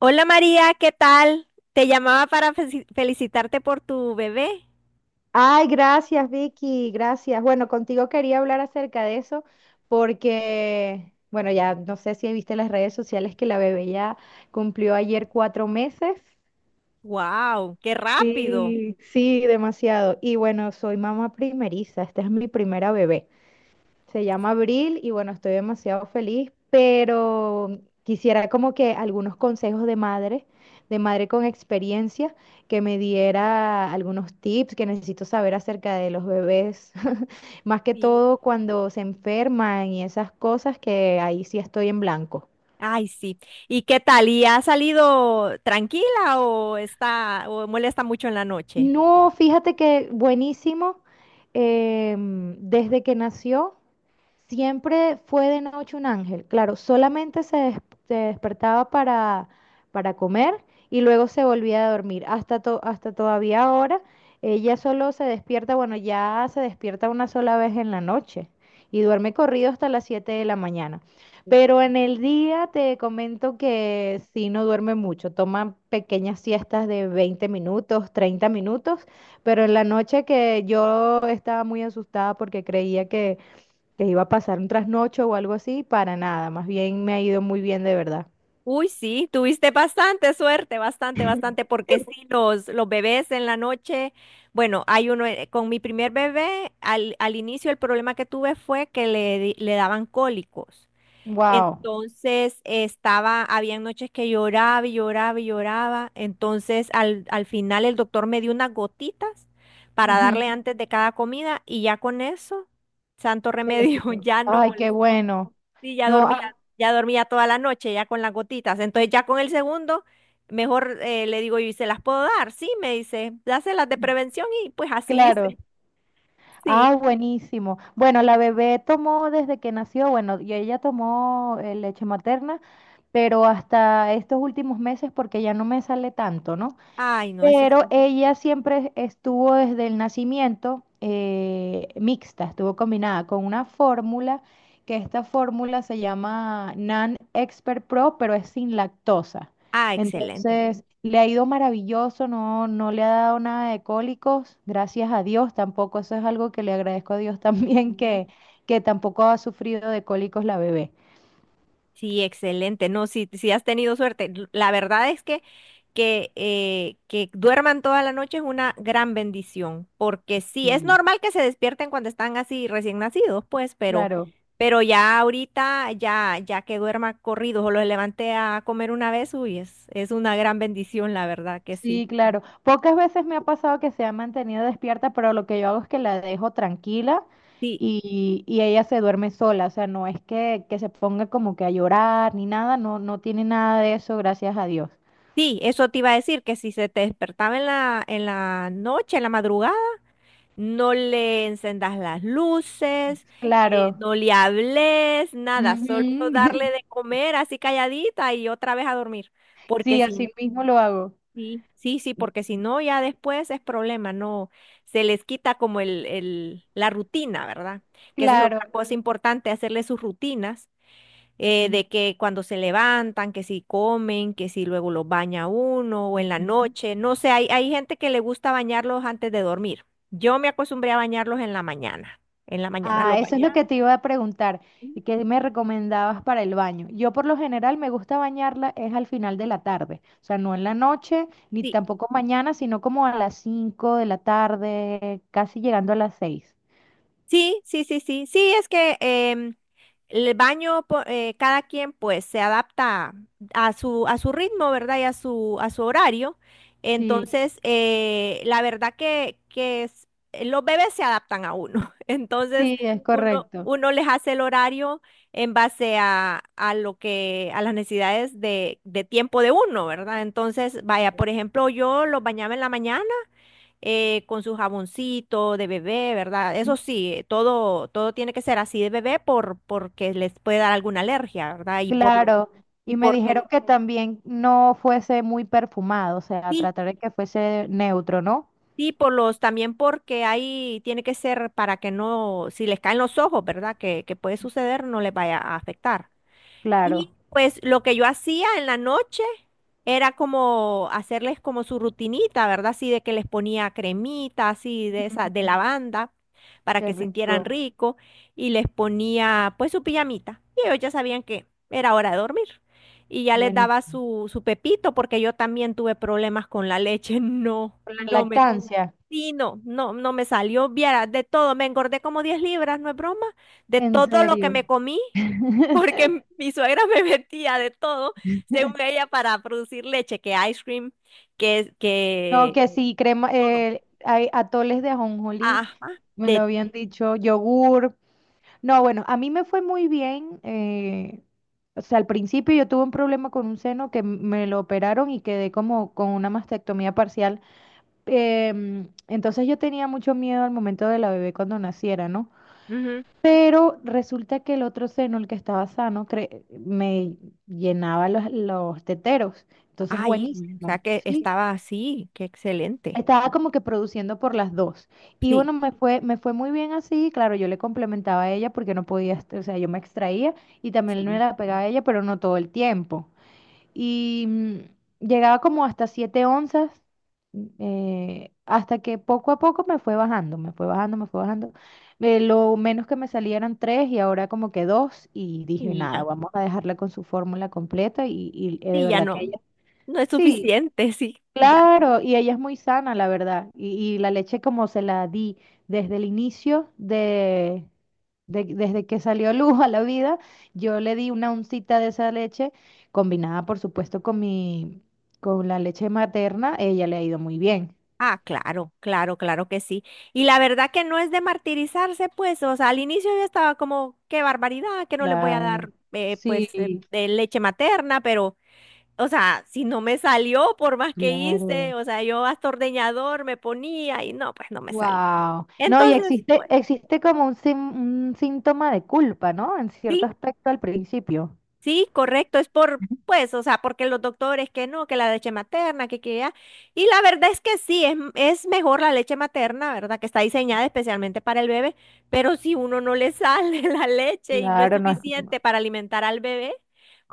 Hola María, ¿qué tal? Te llamaba para felicitarte por tu bebé. Ay, gracias, Vicky, gracias. Bueno, contigo quería hablar acerca de eso porque, bueno, ya no sé si viste las redes sociales que la bebé ya cumplió ayer 4 meses. ¡Wow! ¡Qué rápido! Sí, sí, demasiado. Y bueno, soy mamá primeriza, esta es mi primera bebé. Se llama Abril y bueno, estoy demasiado feliz, pero quisiera como que algunos consejos de madre con experiencia, que me diera algunos tips que necesito saber acerca de los bebés, más que Sí. todo cuando se enferman y esas cosas que ahí sí estoy en blanco. Ay, sí. ¿Y qué tal? ¿Y ha salido tranquila o está o molesta mucho en la noche? No, fíjate que buenísimo, desde que nació. Siempre fue de noche un ángel. Claro, se despertaba para comer y luego se volvía a dormir. Hasta todavía ahora, ella solo se despierta, bueno, ya se despierta una sola vez en la noche y duerme corrido hasta las 7 de la mañana. Pero en el día te comento que sí no duerme mucho, toma pequeñas siestas de 20 minutos, 30 minutos, pero en la noche que yo estaba muy asustada porque creía que iba a pasar un trasnocho o algo así, para nada, más bien me ha ido muy bien de verdad. Uy, sí, tuviste bastante suerte, bastante, bastante, porque sí, los bebés en la noche, bueno, hay uno, con mi primer bebé, al inicio el problema que tuve fue que le daban cólicos. Wow. Entonces había noches que lloraba y lloraba y lloraba. Entonces al final el doctor me dio unas gotitas para darle Ujú. antes de cada comida y ya con eso, santo Se les remedio, quitó. ya no Ay, qué molestó. bueno. Sí, ya No, dormía, ah, ya dormía toda la noche, ya con las gotitas. Entonces ya con el segundo, mejor le digo yo, ¿y se las puedo dar? Sí, me dice, dáselas de prevención y pues así hice. claro. Sí. Ah, buenísimo. Bueno, la bebé tomó desde que nació, bueno, y ella tomó leche materna, pero hasta estos últimos meses porque ya no me sale tanto, ¿no? Ay, no, eso es. Pero ella siempre estuvo desde el nacimiento mixta, estuvo combinada con una fórmula, que esta fórmula se llama NAN Expert Pro, pero es sin lactosa. Ah, excelente. Entonces, le ha ido maravilloso, no, no le ha dado nada de cólicos, gracias a Dios tampoco, eso es algo que le agradezco a Dios también, Sí. Que tampoco ha sufrido de cólicos la bebé. Sí, excelente. No, sí, sí has tenido suerte. La verdad es que que duerman toda la noche es una gran bendición, porque sí, es Sí. normal que se despierten cuando están así recién nacidos, pues, pero, Claro. pero ya ahorita, ya que duerma corridos o los levante a comer una vez, uy, es una gran bendición, la verdad que sí. Sí, claro. Pocas veces me ha pasado que se ha mantenido despierta, pero lo que yo hago es que la dejo tranquila Sí, y ella se duerme sola. O sea, no es que se ponga como que a llorar ni nada, no, no tiene nada de eso, gracias a Dios. sí, eso te iba a decir, que si se te despertaba en la noche, en la madrugada, no le encendas las luces, Claro. no le hables, nada, solo Ujú. darle de comer así calladita y otra vez a dormir. Porque Sí, si así no, mismo lo hago. sí, sí, sí, porque si no, ya después es problema, no, se les quita como la rutina, ¿verdad? Que esa es Claro. otra cosa importante, hacerle sus rutinas de que cuando se levantan, que si comen, que si luego los baña uno o en la Ujú. noche, no sé, hay gente que le gusta bañarlos antes de dormir. Yo me acostumbré a bañarlos en la mañana. En la mañana Ah, los eso es lo bañaba. que te iba a preguntar. ¿Y qué me recomendabas para el baño? Yo por lo general me gusta bañarla es al final de la tarde, o sea, no en la noche ni Sí, tampoco mañana, sino como a las 5 de la tarde, casi llegando a las seis. sí, sí, sí, sí, sí, es que el baño, cada quien pues se adapta a su ritmo, ¿verdad? Y a su horario. Sí, Entonces, la verdad los bebés se adaptan a uno. Entonces, sí, es uno, correcto. uno les hace el horario en base a las necesidades de tiempo de uno, ¿verdad? Entonces, vaya, por ejemplo, yo los bañaba en la mañana con su jaboncito de bebé, ¿verdad? Eso sí, todo, todo tiene que ser así de bebé porque les puede dar alguna alergia, ¿verdad? Y por lo- Claro. y Y me dijeron porque, que también no fuese muy perfumado, o sea, sí, tratar de que fuese neutro, ¿no? sí, también porque ahí tiene que ser para que no, si les caen los ojos, ¿verdad? Que puede suceder, no les vaya a afectar. Y Claro. pues lo que yo hacía en la noche era como hacerles como su rutinita, ¿verdad? Así de que les ponía cremita, así de esa, de Ujú. lavanda, para Qué que sintieran rico. rico, y les ponía pues su pijamita. Y ellos ya sabían que era hora de dormir. Y ya les daba Buenísimo. su pepito, porque yo también tuve problemas con la leche. No, La no me. lactancia, Sí, no, no, no me salió, vieras, de todo, me engordé como 10 libras, no es broma, de en todo lo que serio. me comí, porque mi suegra me metía de todo, según ella, para producir leche, que ice cream, que, No, que que sí, crema, todo, hay atoles de ajonjolí, ajá, me lo de, habían dicho, yogur. No, bueno, a mí me fue muy bien. O sea, al principio yo tuve un problema con un seno que me lo operaron y quedé como con una mastectomía parcial. Entonces yo tenía mucho miedo al momento de la bebé cuando naciera, ¿no? ujú. Pero resulta que el otro seno, el que estaba sano, me llenaba los teteros. Entonces, Ay, güey, o sea buenísimo, que ¿sí? estaba así, qué excelente, Estaba como que produciendo por las dos. Y sí, bueno, me fue muy bien así. Claro, yo le complementaba a ella porque no podía, o sea, yo me extraía y también me sí, la pegaba a ella, pero no todo el tiempo. Y llegaba como hasta 7 onzas, hasta que poco a poco me fue bajando, me fue bajando. Lo menos que me salía eran 3 y ahora como que dos. Y dije, sí, nada, ya, vamos a dejarla con su fórmula completa y de sí, ya verdad que no, ella... no es Sí, suficiente, sí, ya. claro, y ella es muy sana, la verdad. Y la leche como se la di desde el inicio desde que salió luz a la vida, yo le di una uncita de esa leche, combinada por supuesto con la leche materna, ella le ha ido muy bien. Ah, claro, claro, claro que sí. Y la verdad que no es de martirizarse, pues, o sea, al inicio yo estaba como, qué barbaridad, que no les voy a Claro. dar, Sí, pues, de leche materna, pero, o sea, si no me salió, por más que hice, claro. o sea, yo hasta ordeñador me ponía y no, pues no me salió. Wow. No, y Entonces, pues, existe como un síntoma de culpa, ¿no? En cierto sí. aspecto al principio. Sí, correcto, es pues, o sea, porque los doctores que no, que la leche materna, que ya. Y la verdad es que sí, es mejor la leche materna, ¿verdad? Que está diseñada especialmente para el bebé, pero si uno no le sale la leche y no es Claro, no es suficiente para alimentar al bebé,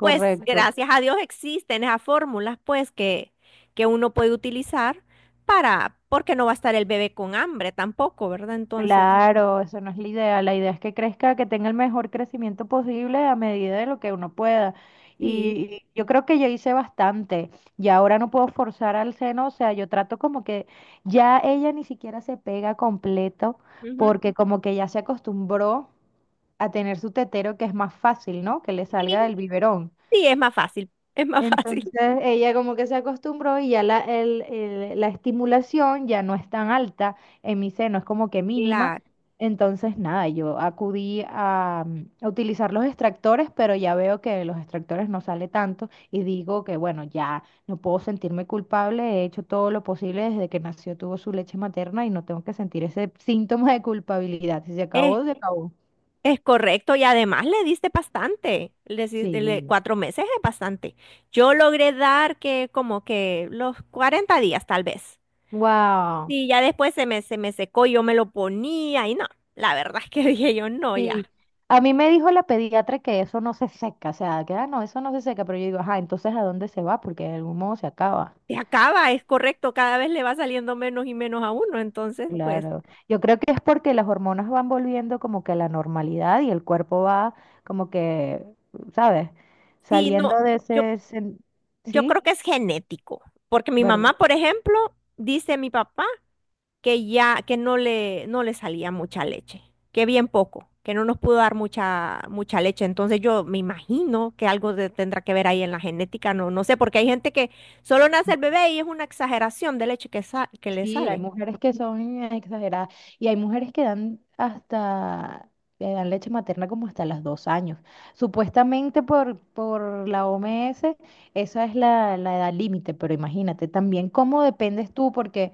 pues gracias a Dios existen esas fórmulas, pues, que uno puede utilizar porque no va a estar el bebé con hambre tampoco, ¿verdad? Entonces, Claro, eso no es la idea. La idea es que crezca, que tenga el mejor crecimiento posible a medida de lo que uno pueda. sí, Y yo creo que yo hice bastante. Y ahora no puedo forzar al seno. O sea, yo trato como que ya ella ni siquiera se pega completo ujú, porque como que ya se acostumbró a tener su tetero que es más fácil, ¿no? Que le sí, salga del biberón. sí, es más fácil, es más Entonces fácil. ella como que se acostumbró y ya la estimulación ya no es tan alta en mi seno, es como que mínima. Claro. Entonces nada, yo acudí a, a utilizar los extractores, pero ya veo que los extractores no sale tanto y digo que bueno, ya no puedo sentirme culpable, he hecho todo lo posible desde que nació, tuvo su leche materna y no tengo que sentir ese síntoma de culpabilidad. Si se acabó, se acabó. Es correcto, y además le diste bastante, le, si- le- Sí. 4 meses es bastante. Yo logré dar que como que los 40 días tal vez. Wow. Y ya después se me secó, yo me lo ponía y no, la verdad es que dije yo no, ya, Sí, a mí me dijo la pediatra que eso no se seca, o sea, que ah, no, eso no se seca, pero yo digo, ajá, entonces ¿a dónde se va? Porque de algún modo se acaba. se acaba, es correcto, cada vez le va saliendo menos y menos a uno, entonces pues Claro, yo creo que es porque las hormonas van volviendo como que a la normalidad y el cuerpo va como que, ¿sabes? sí, Saliendo no, de yo, ese, yo ¿sí? creo que es genético, porque mi mamá, ¿Verdad? por ejemplo, dice mi papá, que ya, que no le salía mucha leche, que bien poco, que no nos pudo dar mucha, mucha leche. Entonces yo me imagino que algo tendrá que ver ahí en la genética, no, no sé, porque hay gente que solo nace el bebé y es una exageración de leche que le Sí, hay sale. mujeres que son exageradas y hay mujeres que dan que dan leche materna como hasta los 2 años. Supuestamente por la OMS, esa es la edad límite, pero imagínate también cómo dependes tú, porque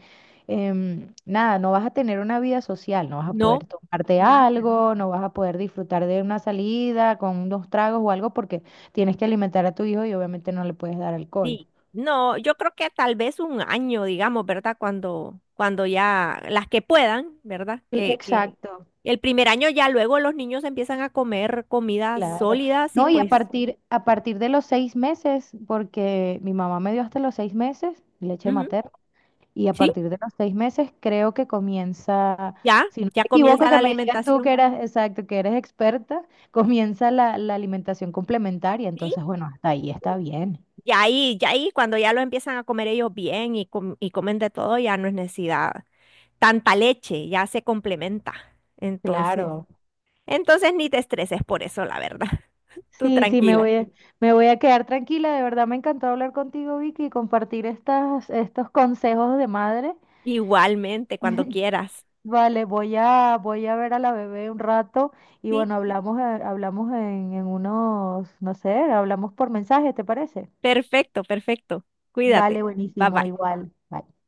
nada, no vas a tener una vida social, no vas a No, poder tomarte nada. algo, no vas a poder disfrutar de una salida con unos tragos o algo, porque tienes que alimentar a tu hijo y obviamente no le puedes dar alcohol. Sí, no, yo creo que tal vez un año, digamos, ¿verdad? Cuando ya las que puedan, ¿verdad? Sí. Que Exacto, el primer año ya luego los niños empiezan a comer comidas claro. sólidas y No, y pues, a partir de los 6 meses, porque mi mamá me dio hasta los 6 meses leche ujú, materna, y a sí. partir de los 6 meses creo que comienza, Ya, si no ya me equivoco, comienza que la me digas tú que alimentación. eras, exacto, que eres experta, comienza la alimentación complementaria. Sí, Entonces, bueno, hasta ahí está bien. y ahí cuando ya lo empiezan a comer ellos bien y comen de todo, ya no es necesidad. Tanta leche ya se complementa. Entonces, Claro. entonces ni te estreses por eso, la verdad. Tú Sí, sí, tranquila. Me voy a quedar tranquila. De verdad me encantó hablar contigo, Vicky, y compartir estos consejos de madre. Igualmente, cuando quieras. Vale, voy a ver a la bebé un rato y bueno, Sí, en unos, no sé, hablamos por mensaje, ¿te parece? perfecto, perfecto. Cuídate. Vale, Bye buenísimo, bye. igual. Bye.